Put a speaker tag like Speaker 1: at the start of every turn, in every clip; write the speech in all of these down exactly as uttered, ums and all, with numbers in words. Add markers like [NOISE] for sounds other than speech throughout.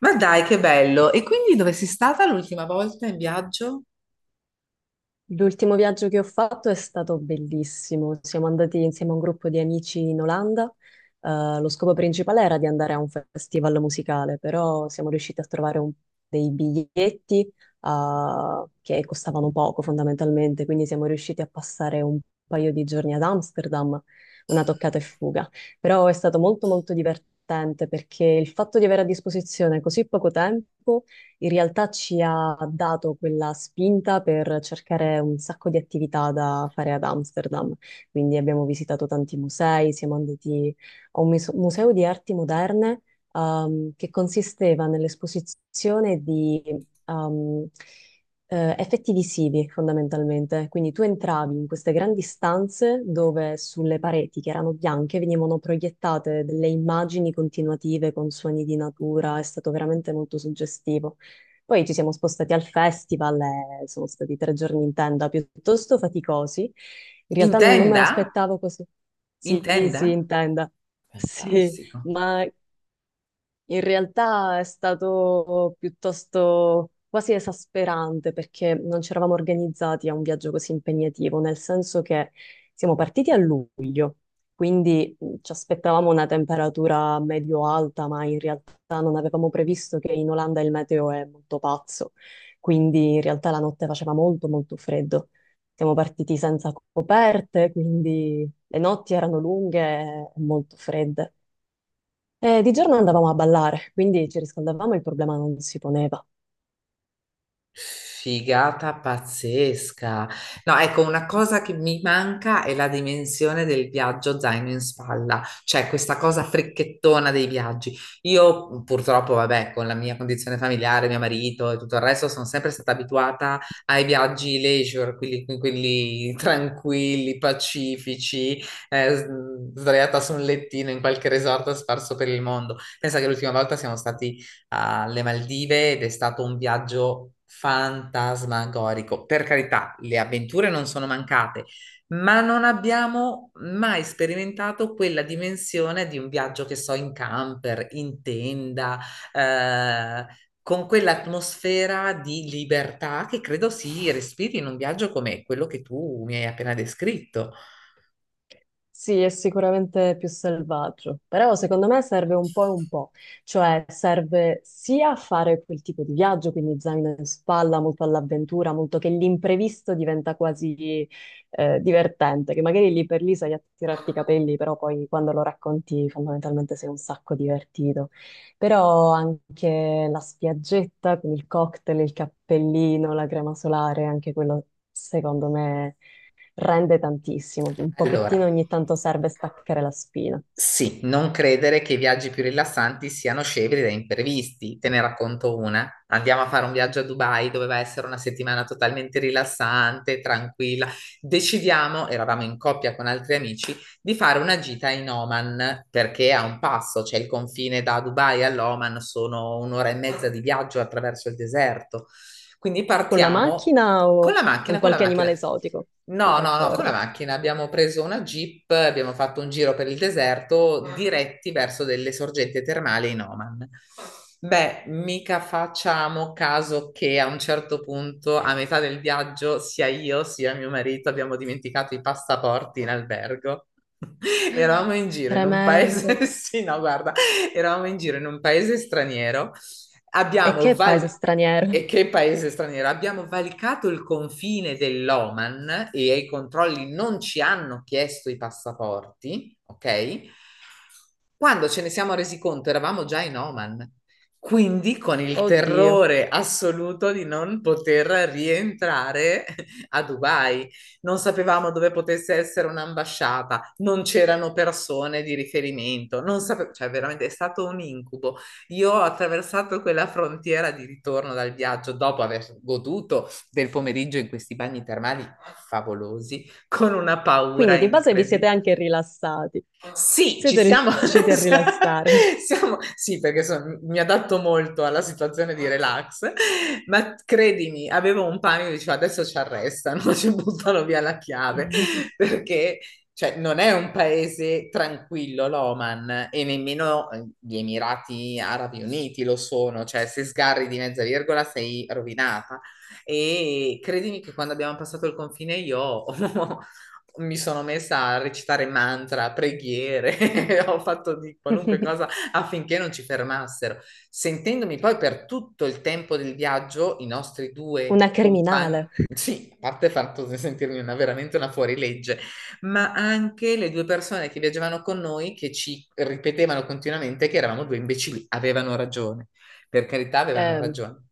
Speaker 1: Ma dai, che bello! E quindi dove sei stata l'ultima volta in viaggio?
Speaker 2: L'ultimo viaggio che ho fatto è stato bellissimo. Siamo andati insieme a un gruppo di amici in Olanda. Eh, lo scopo principale era di andare a un festival musicale, però siamo riusciti a trovare un- dei biglietti, eh, che costavano poco fondamentalmente, quindi siamo riusciti a passare un paio di giorni ad Amsterdam, una toccata e fuga. Però è stato molto molto divertente perché il fatto di avere a disposizione così poco tempo in realtà ci ha dato quella spinta per cercare un sacco di attività da fare ad Amsterdam. Quindi abbiamo visitato tanti musei, siamo andati a un mus- museo di arti moderne, ehm, che consisteva nell'esposizione di ehm, eh, effetti visivi fondamentalmente. Quindi tu entravi in queste grandi stanze dove sulle pareti, che erano bianche, venivano proiettate delle immagini continuative con suoni di natura. È stato veramente molto suggestivo. Poi ci siamo spostati al festival, e sono stati tre giorni in tenda piuttosto faticosi. In
Speaker 1: In
Speaker 2: realtà non me
Speaker 1: tenda?
Speaker 2: l'aspettavo così.
Speaker 1: In
Speaker 2: Sì, sì,
Speaker 1: tenda?
Speaker 2: in tenda. Sì,
Speaker 1: Fantastico.
Speaker 2: ma in realtà è stato piuttosto quasi esasperante perché non ci eravamo organizzati a un viaggio così impegnativo, nel senso che siamo partiti a luglio, quindi mh, ci aspettavamo una temperatura medio-alta, ma in realtà non avevamo previsto che in Olanda il meteo è molto pazzo, quindi in realtà la notte faceva molto molto freddo. Siamo partiti senza coperte, quindi le notti erano lunghe e molto fredde. Eh, di giorno andavamo a ballare, quindi ci riscaldavamo e il problema non si poneva.
Speaker 1: Figata pazzesca. No, ecco, una cosa che mi manca è la dimensione del viaggio zaino in spalla, cioè questa cosa fricchettona dei viaggi. Io purtroppo, vabbè, con la mia condizione familiare, mio marito e tutto il resto, sono sempre stata abituata ai viaggi leisure, quelli, quelli [LAUGHS] tranquilli, pacifici, eh, s- sdraiata su un lettino in qualche resort sparso per il mondo. Pensa che l'ultima volta siamo stati alle Maldive ed è stato un viaggio fantasmagorico. Per carità, le avventure non sono mancate, ma non abbiamo mai sperimentato quella dimensione di un viaggio che so in camper, in tenda, eh, con quell'atmosfera di libertà che credo si respiri in un viaggio come quello che tu mi hai appena descritto.
Speaker 2: Sì, è sicuramente più selvaggio, però secondo me serve un po' e un po', cioè serve sia a fare quel tipo di viaggio, quindi zaino in spalla, molto all'avventura, molto che l'imprevisto diventa quasi eh, divertente, che magari lì per lì sai a tirarti i capelli, però poi quando lo racconti fondamentalmente sei un sacco divertito. Però anche la spiaggetta con il cocktail, il cappellino, la crema solare, anche quello secondo me rende tantissimo, un
Speaker 1: Allora.
Speaker 2: pochettino ogni tanto serve staccare la spina.
Speaker 1: Sì, non credere che i viaggi più rilassanti siano scevri da imprevisti. Te ne racconto una. Andiamo a fare un viaggio a Dubai, doveva essere una settimana totalmente rilassante, tranquilla. Decidiamo, eravamo in coppia con altri amici, di fare una gita in Oman, perché è a un passo, c'è il confine da Dubai all'Oman, sono un'ora e mezza di viaggio attraverso il deserto. Quindi
Speaker 2: Con la
Speaker 1: partiamo.
Speaker 2: macchina
Speaker 1: Con
Speaker 2: o
Speaker 1: la
Speaker 2: con
Speaker 1: macchina, con la
Speaker 2: qualche
Speaker 1: macchina.
Speaker 2: animale esotico?
Speaker 1: No, no, no, con la
Speaker 2: D'accordo.
Speaker 1: macchina abbiamo preso una Jeep, abbiamo fatto un giro per il deserto diretti verso delle sorgenti termali in Oman. Beh, mica facciamo caso che a un certo punto, a metà del viaggio, sia io sia mio marito abbiamo dimenticato i passaporti in albergo. [LAUGHS] Eravamo in giro in un
Speaker 2: Tremendo.
Speaker 1: paese, [LAUGHS] sì, no, guarda, eravamo in giro in un paese straniero
Speaker 2: E
Speaker 1: abbiamo
Speaker 2: che paese
Speaker 1: val- e
Speaker 2: straniero.
Speaker 1: che paese straniero, abbiamo valicato il confine dell'Oman e ai controlli non ci hanno chiesto i passaporti, ok? Quando ce ne siamo resi conto eravamo già in Oman, quindi con il
Speaker 2: Oddio.
Speaker 1: terrore assoluto di non poter rientrare a Dubai. Non sapevamo dove potesse essere un'ambasciata, non c'erano persone di riferimento, non sape- cioè veramente è stato un incubo. Io ho attraversato quella frontiera di ritorno dal viaggio dopo aver goduto del pomeriggio in questi bagni termali favolosi con una paura
Speaker 2: Quindi di base vi siete
Speaker 1: incredibile.
Speaker 2: anche rilassati.
Speaker 1: Sì, ci
Speaker 2: Siete
Speaker 1: siamo.
Speaker 2: riusciti a rilassarvi.
Speaker 1: [LAUGHS] siamo- sì, perché son- mi adatto molto alla situazione di relax, ma credimi, avevo un panico, dicevo adesso ci arrestano, [LAUGHS] ci buttano via la chiave,
Speaker 2: [LAUGHS]
Speaker 1: perché cioè, non è un paese tranquillo l'Oman e nemmeno eh, gli Emirati Arabi Uniti lo sono, cioè se sgarri di mezza virgola sei rovinata. E credimi che quando abbiamo passato il confine io [LAUGHS] mi sono messa a recitare mantra, preghiere, [LAUGHS] ho fatto di qualunque cosa affinché non ci fermassero, sentendomi poi per tutto il tempo del viaggio i nostri due
Speaker 2: Una
Speaker 1: compagni.
Speaker 2: criminale.
Speaker 1: Sì, a parte il fatto di sentirmi una, veramente una fuorilegge, ma anche le due persone che viaggiavano con noi che ci ripetevano continuamente che eravamo due imbecilli, avevano ragione, per carità avevano
Speaker 2: Eh,
Speaker 1: ragione.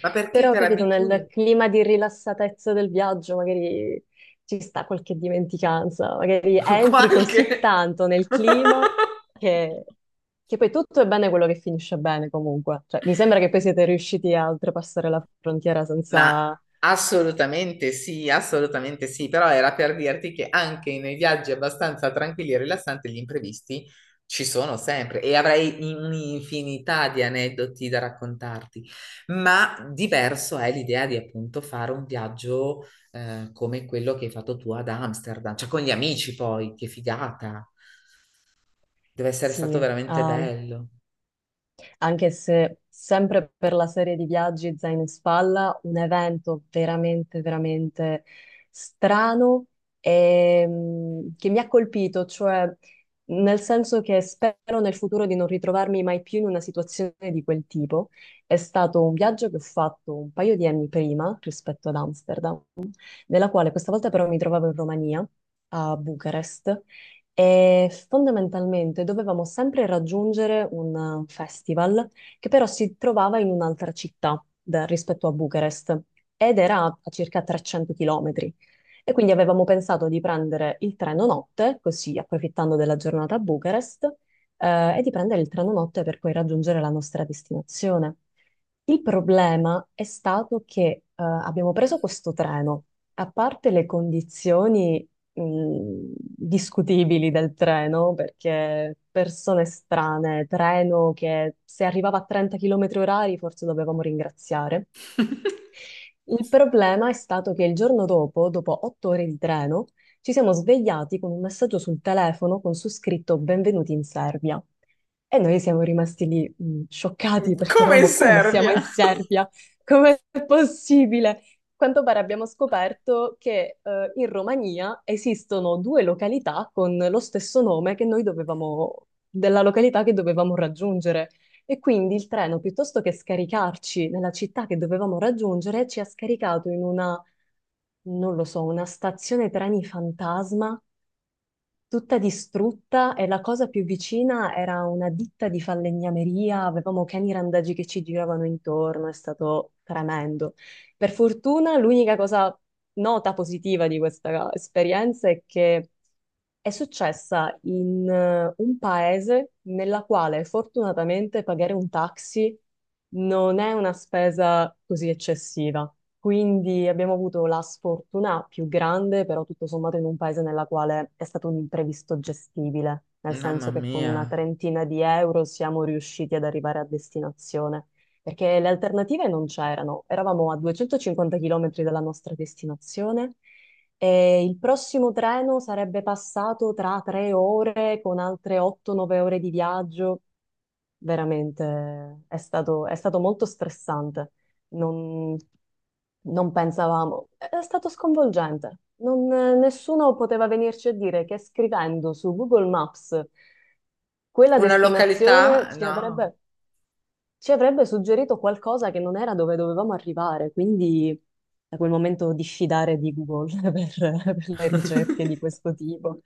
Speaker 1: Ma perché
Speaker 2: Però,
Speaker 1: per
Speaker 2: capito, nel
Speaker 1: abitudine?
Speaker 2: clima di rilassatezza del viaggio magari ci sta qualche dimenticanza, magari
Speaker 1: [LAUGHS]
Speaker 2: entri così
Speaker 1: Qualche...
Speaker 2: tanto nel
Speaker 1: [LAUGHS]
Speaker 2: clima che, che poi tutto è bene quello che finisce bene comunque. Cioè, mi sembra che poi siete riusciti a oltrepassare la frontiera
Speaker 1: Ma
Speaker 2: senza,
Speaker 1: assolutamente sì, assolutamente sì, però era per dirti che anche nei viaggi abbastanza tranquilli e rilassanti gli imprevisti ci sono sempre e avrei un'infinità di aneddoti da raccontarti, ma diverso è l'idea di appunto fare un viaggio eh, come quello che hai fatto tu ad Amsterdam, cioè con gli amici poi, che figata, deve essere
Speaker 2: sì,
Speaker 1: stato veramente
Speaker 2: eh,
Speaker 1: bello.
Speaker 2: anche se sempre per la serie di viaggi zaino in spalla, un evento veramente, veramente strano e, mh, che mi ha colpito, cioè nel senso che spero nel futuro di non ritrovarmi mai più in una situazione di quel tipo. È stato un viaggio che ho fatto un paio di anni prima rispetto ad Amsterdam, nella quale questa volta però mi trovavo in Romania, a Bucarest, e fondamentalmente dovevamo sempre raggiungere un eh, festival che però si trovava in un'altra città da- rispetto a Bucarest ed era a circa trecento chilometri. E quindi avevamo pensato di prendere il treno notte, così approfittando della giornata a Bucarest, eh, e di prendere il treno notte per poi raggiungere la nostra destinazione. Il problema è stato che eh, abbiamo preso questo treno. A parte le condizioni mh, discutibili del treno, perché persone strane, treno che se arrivava a trenta chilometri orari forse dovevamo ringraziare. Il problema è stato che il giorno dopo, dopo otto ore di treno, ci siamo svegliati con un messaggio sul telefono con su scritto Benvenuti in Serbia. E noi siamo rimasti lì, mh, scioccati perché
Speaker 1: Come in
Speaker 2: eravamo come siamo in
Speaker 1: Serbia?
Speaker 2: Serbia? Com'è possibile? A Quanto pare abbiamo scoperto che eh, in Romania esistono due località con lo stesso nome che noi dovevamo, della località che dovevamo raggiungere. E quindi il treno, piuttosto che scaricarci nella città che dovevamo raggiungere, ci ha scaricato in una, non lo so, una stazione treni fantasma tutta distrutta e la cosa più vicina era una ditta di falegnameria, avevamo cani randagi che ci giravano intorno, è stato tremendo. Per fortuna l'unica cosa nota positiva di questa esperienza è che è successa in eh, un paese nella quale fortunatamente pagare un taxi non è una spesa così eccessiva. Quindi abbiamo avuto la sfortuna più grande, però tutto sommato in un paese nella quale è stato un imprevisto gestibile, nel
Speaker 1: [LAUGHS] Mamma
Speaker 2: senso che con
Speaker 1: mia.
Speaker 2: una trentina di euro siamo riusciti ad arrivare a destinazione, perché le alternative non c'erano. Eravamo a duecentocinquanta chilometri dalla nostra destinazione e il prossimo treno sarebbe passato tra tre ore con altre otto nove ore di viaggio veramente è stato, è stato molto stressante. Non, non pensavamo, è stato sconvolgente. Non- nessuno poteva venirci a dire che scrivendo su Google Maps quella
Speaker 1: Una
Speaker 2: destinazione
Speaker 1: località?
Speaker 2: ci
Speaker 1: No.
Speaker 2: avrebbe, ci avrebbe suggerito qualcosa che non era dove dovevamo arrivare. Quindi da quel momento diffidare di Google [LAUGHS] per per le ricerche di questo tipo.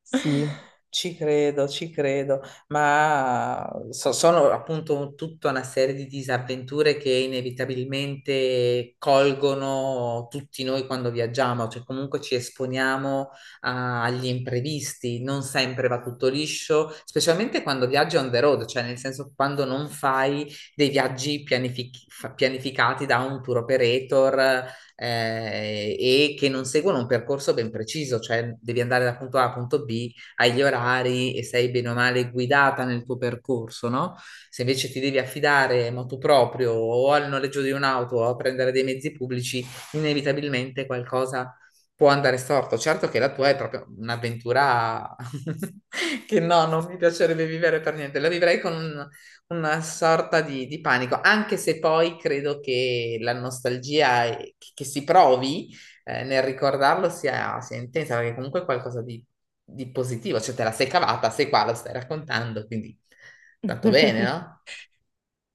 Speaker 2: Sì.
Speaker 1: Ci credo, ci credo, ma so- sono appunto tutta una serie di disavventure che inevitabilmente colgono tutti noi quando viaggiamo, cioè comunque ci esponiamo a- agli imprevisti, non sempre va tutto liscio, specialmente quando viaggi on the road, cioè nel senso quando non fai dei viaggi pianific- fa- pianificati da un tour operator eh, e che non seguono un percorso ben preciso, cioè devi andare da punto A a punto B hai gli orari e sei bene o male guidata nel tuo percorso, no? Se invece ti devi affidare motu proprio o al noleggio di un'auto o a prendere dei mezzi pubblici, inevitabilmente qualcosa può andare storto. Certo che la tua è proprio un'avventura [LAUGHS] che no, non mi piacerebbe vivere per niente. La vivrei con un- una sorta di, di panico, anche se poi credo che la nostalgia è- che che si provi eh, nel ricordarlo sia, sia intensa, perché comunque è qualcosa di, di positivo, cioè te la sei cavata, sei qua, lo stai raccontando, quindi tanto bene,
Speaker 2: [LAUGHS]
Speaker 1: no?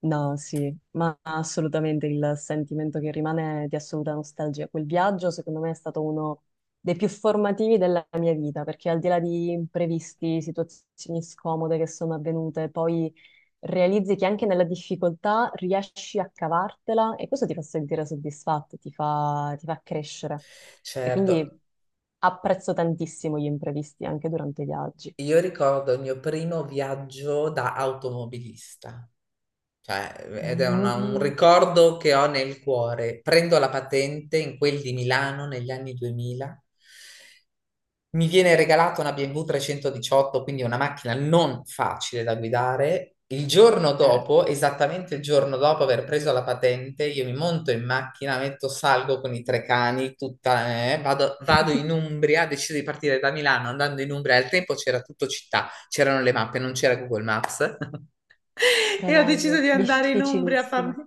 Speaker 2: No, sì, ma assolutamente il sentimento che rimane è di assoluta nostalgia. Quel viaggio, secondo me, è stato uno dei più formativi della mia vita, perché al di là di imprevisti, situazioni scomode che sono avvenute, poi realizzi che anche nella difficoltà riesci a cavartela e questo ti fa sentire soddisfatto, ti fa, ti fa crescere. E
Speaker 1: Certo,
Speaker 2: quindi apprezzo tantissimo gli imprevisti anche durante i viaggi.
Speaker 1: io ricordo il mio primo viaggio da automobilista, cioè, ed è una- un
Speaker 2: Mm,
Speaker 1: ricordo che ho nel cuore. Prendo la patente in quel di Milano negli anni duemila. Mi viene regalata una B M W trecentodiciotto, quindi una macchina non facile da guidare. Il giorno
Speaker 2: eh,
Speaker 1: dopo, esattamente il giorno dopo aver preso la patente, io mi monto in macchina, metto salgo con i tre cani, tutta, eh, vado, vado in
Speaker 2: [LAUGHS]
Speaker 1: Umbria, decido di partire da Milano andando in Umbria. Al tempo c'era tutto città, c'erano le mappe, non c'era Google Maps. [LAUGHS] E ho deciso
Speaker 2: Tremendo,
Speaker 1: di andare in Umbria a
Speaker 2: difficilissimo.
Speaker 1: farmi,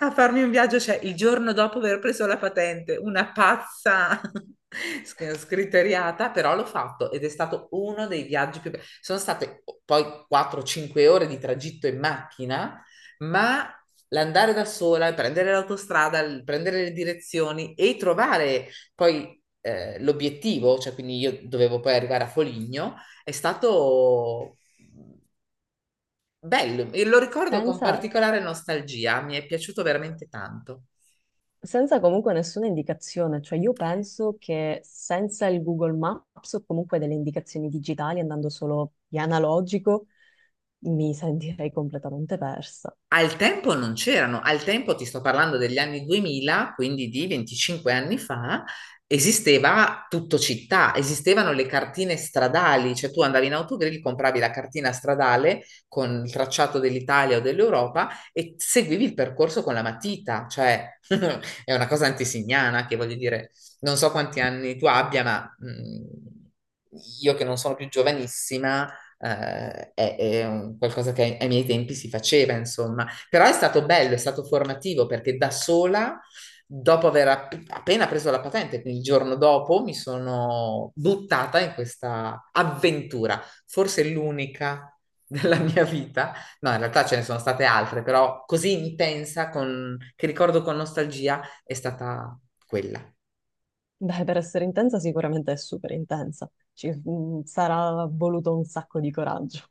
Speaker 1: a farmi un viaggio, cioè il giorno dopo aver preso la patente, una pazza [LAUGHS] sc- scriteriata, però l'ho fatto ed è stato uno dei viaggi più belli. Sono state poi quattro cinque ore di tragitto in macchina, ma l'andare da sola, il prendere l'autostrada, il prendere le direzioni e trovare poi eh, l'obiettivo, cioè quindi io dovevo poi arrivare a Foligno, è stato bello, e lo ricordo con
Speaker 2: Senza,
Speaker 1: particolare nostalgia, mi è piaciuto veramente tanto.
Speaker 2: senza comunque nessuna indicazione, cioè io penso che senza il Google Maps o comunque delle indicazioni digitali, andando solo di analogico, mi sentirei completamente persa.
Speaker 1: Al tempo non c'erano, al tempo ti sto parlando degli anni duemila, quindi di venticinque anni fa, esisteva tutto città, esistevano le cartine stradali, cioè tu andavi in autogrill, compravi la cartina stradale con il tracciato dell'Italia o dell'Europa e seguivi il percorso con la matita, cioè [LAUGHS] è una cosa antesignana che voglio dire, non so quanti anni tu abbia, ma mh, io che non sono più giovanissima eh, è, è un qualcosa che ai, ai miei tempi si faceva, insomma. Però è stato bello, è stato formativo perché da sola, dopo aver app- appena preso la patente, quindi il giorno dopo, mi sono buttata in questa avventura, forse l'unica [LAUGHS] della mia vita. No, in realtà ce ne sono state altre, però così intensa, con- che ricordo con nostalgia, è stata quella.
Speaker 2: Beh, per essere intensa sicuramente è super intensa, ci mm, sarà voluto un sacco di coraggio.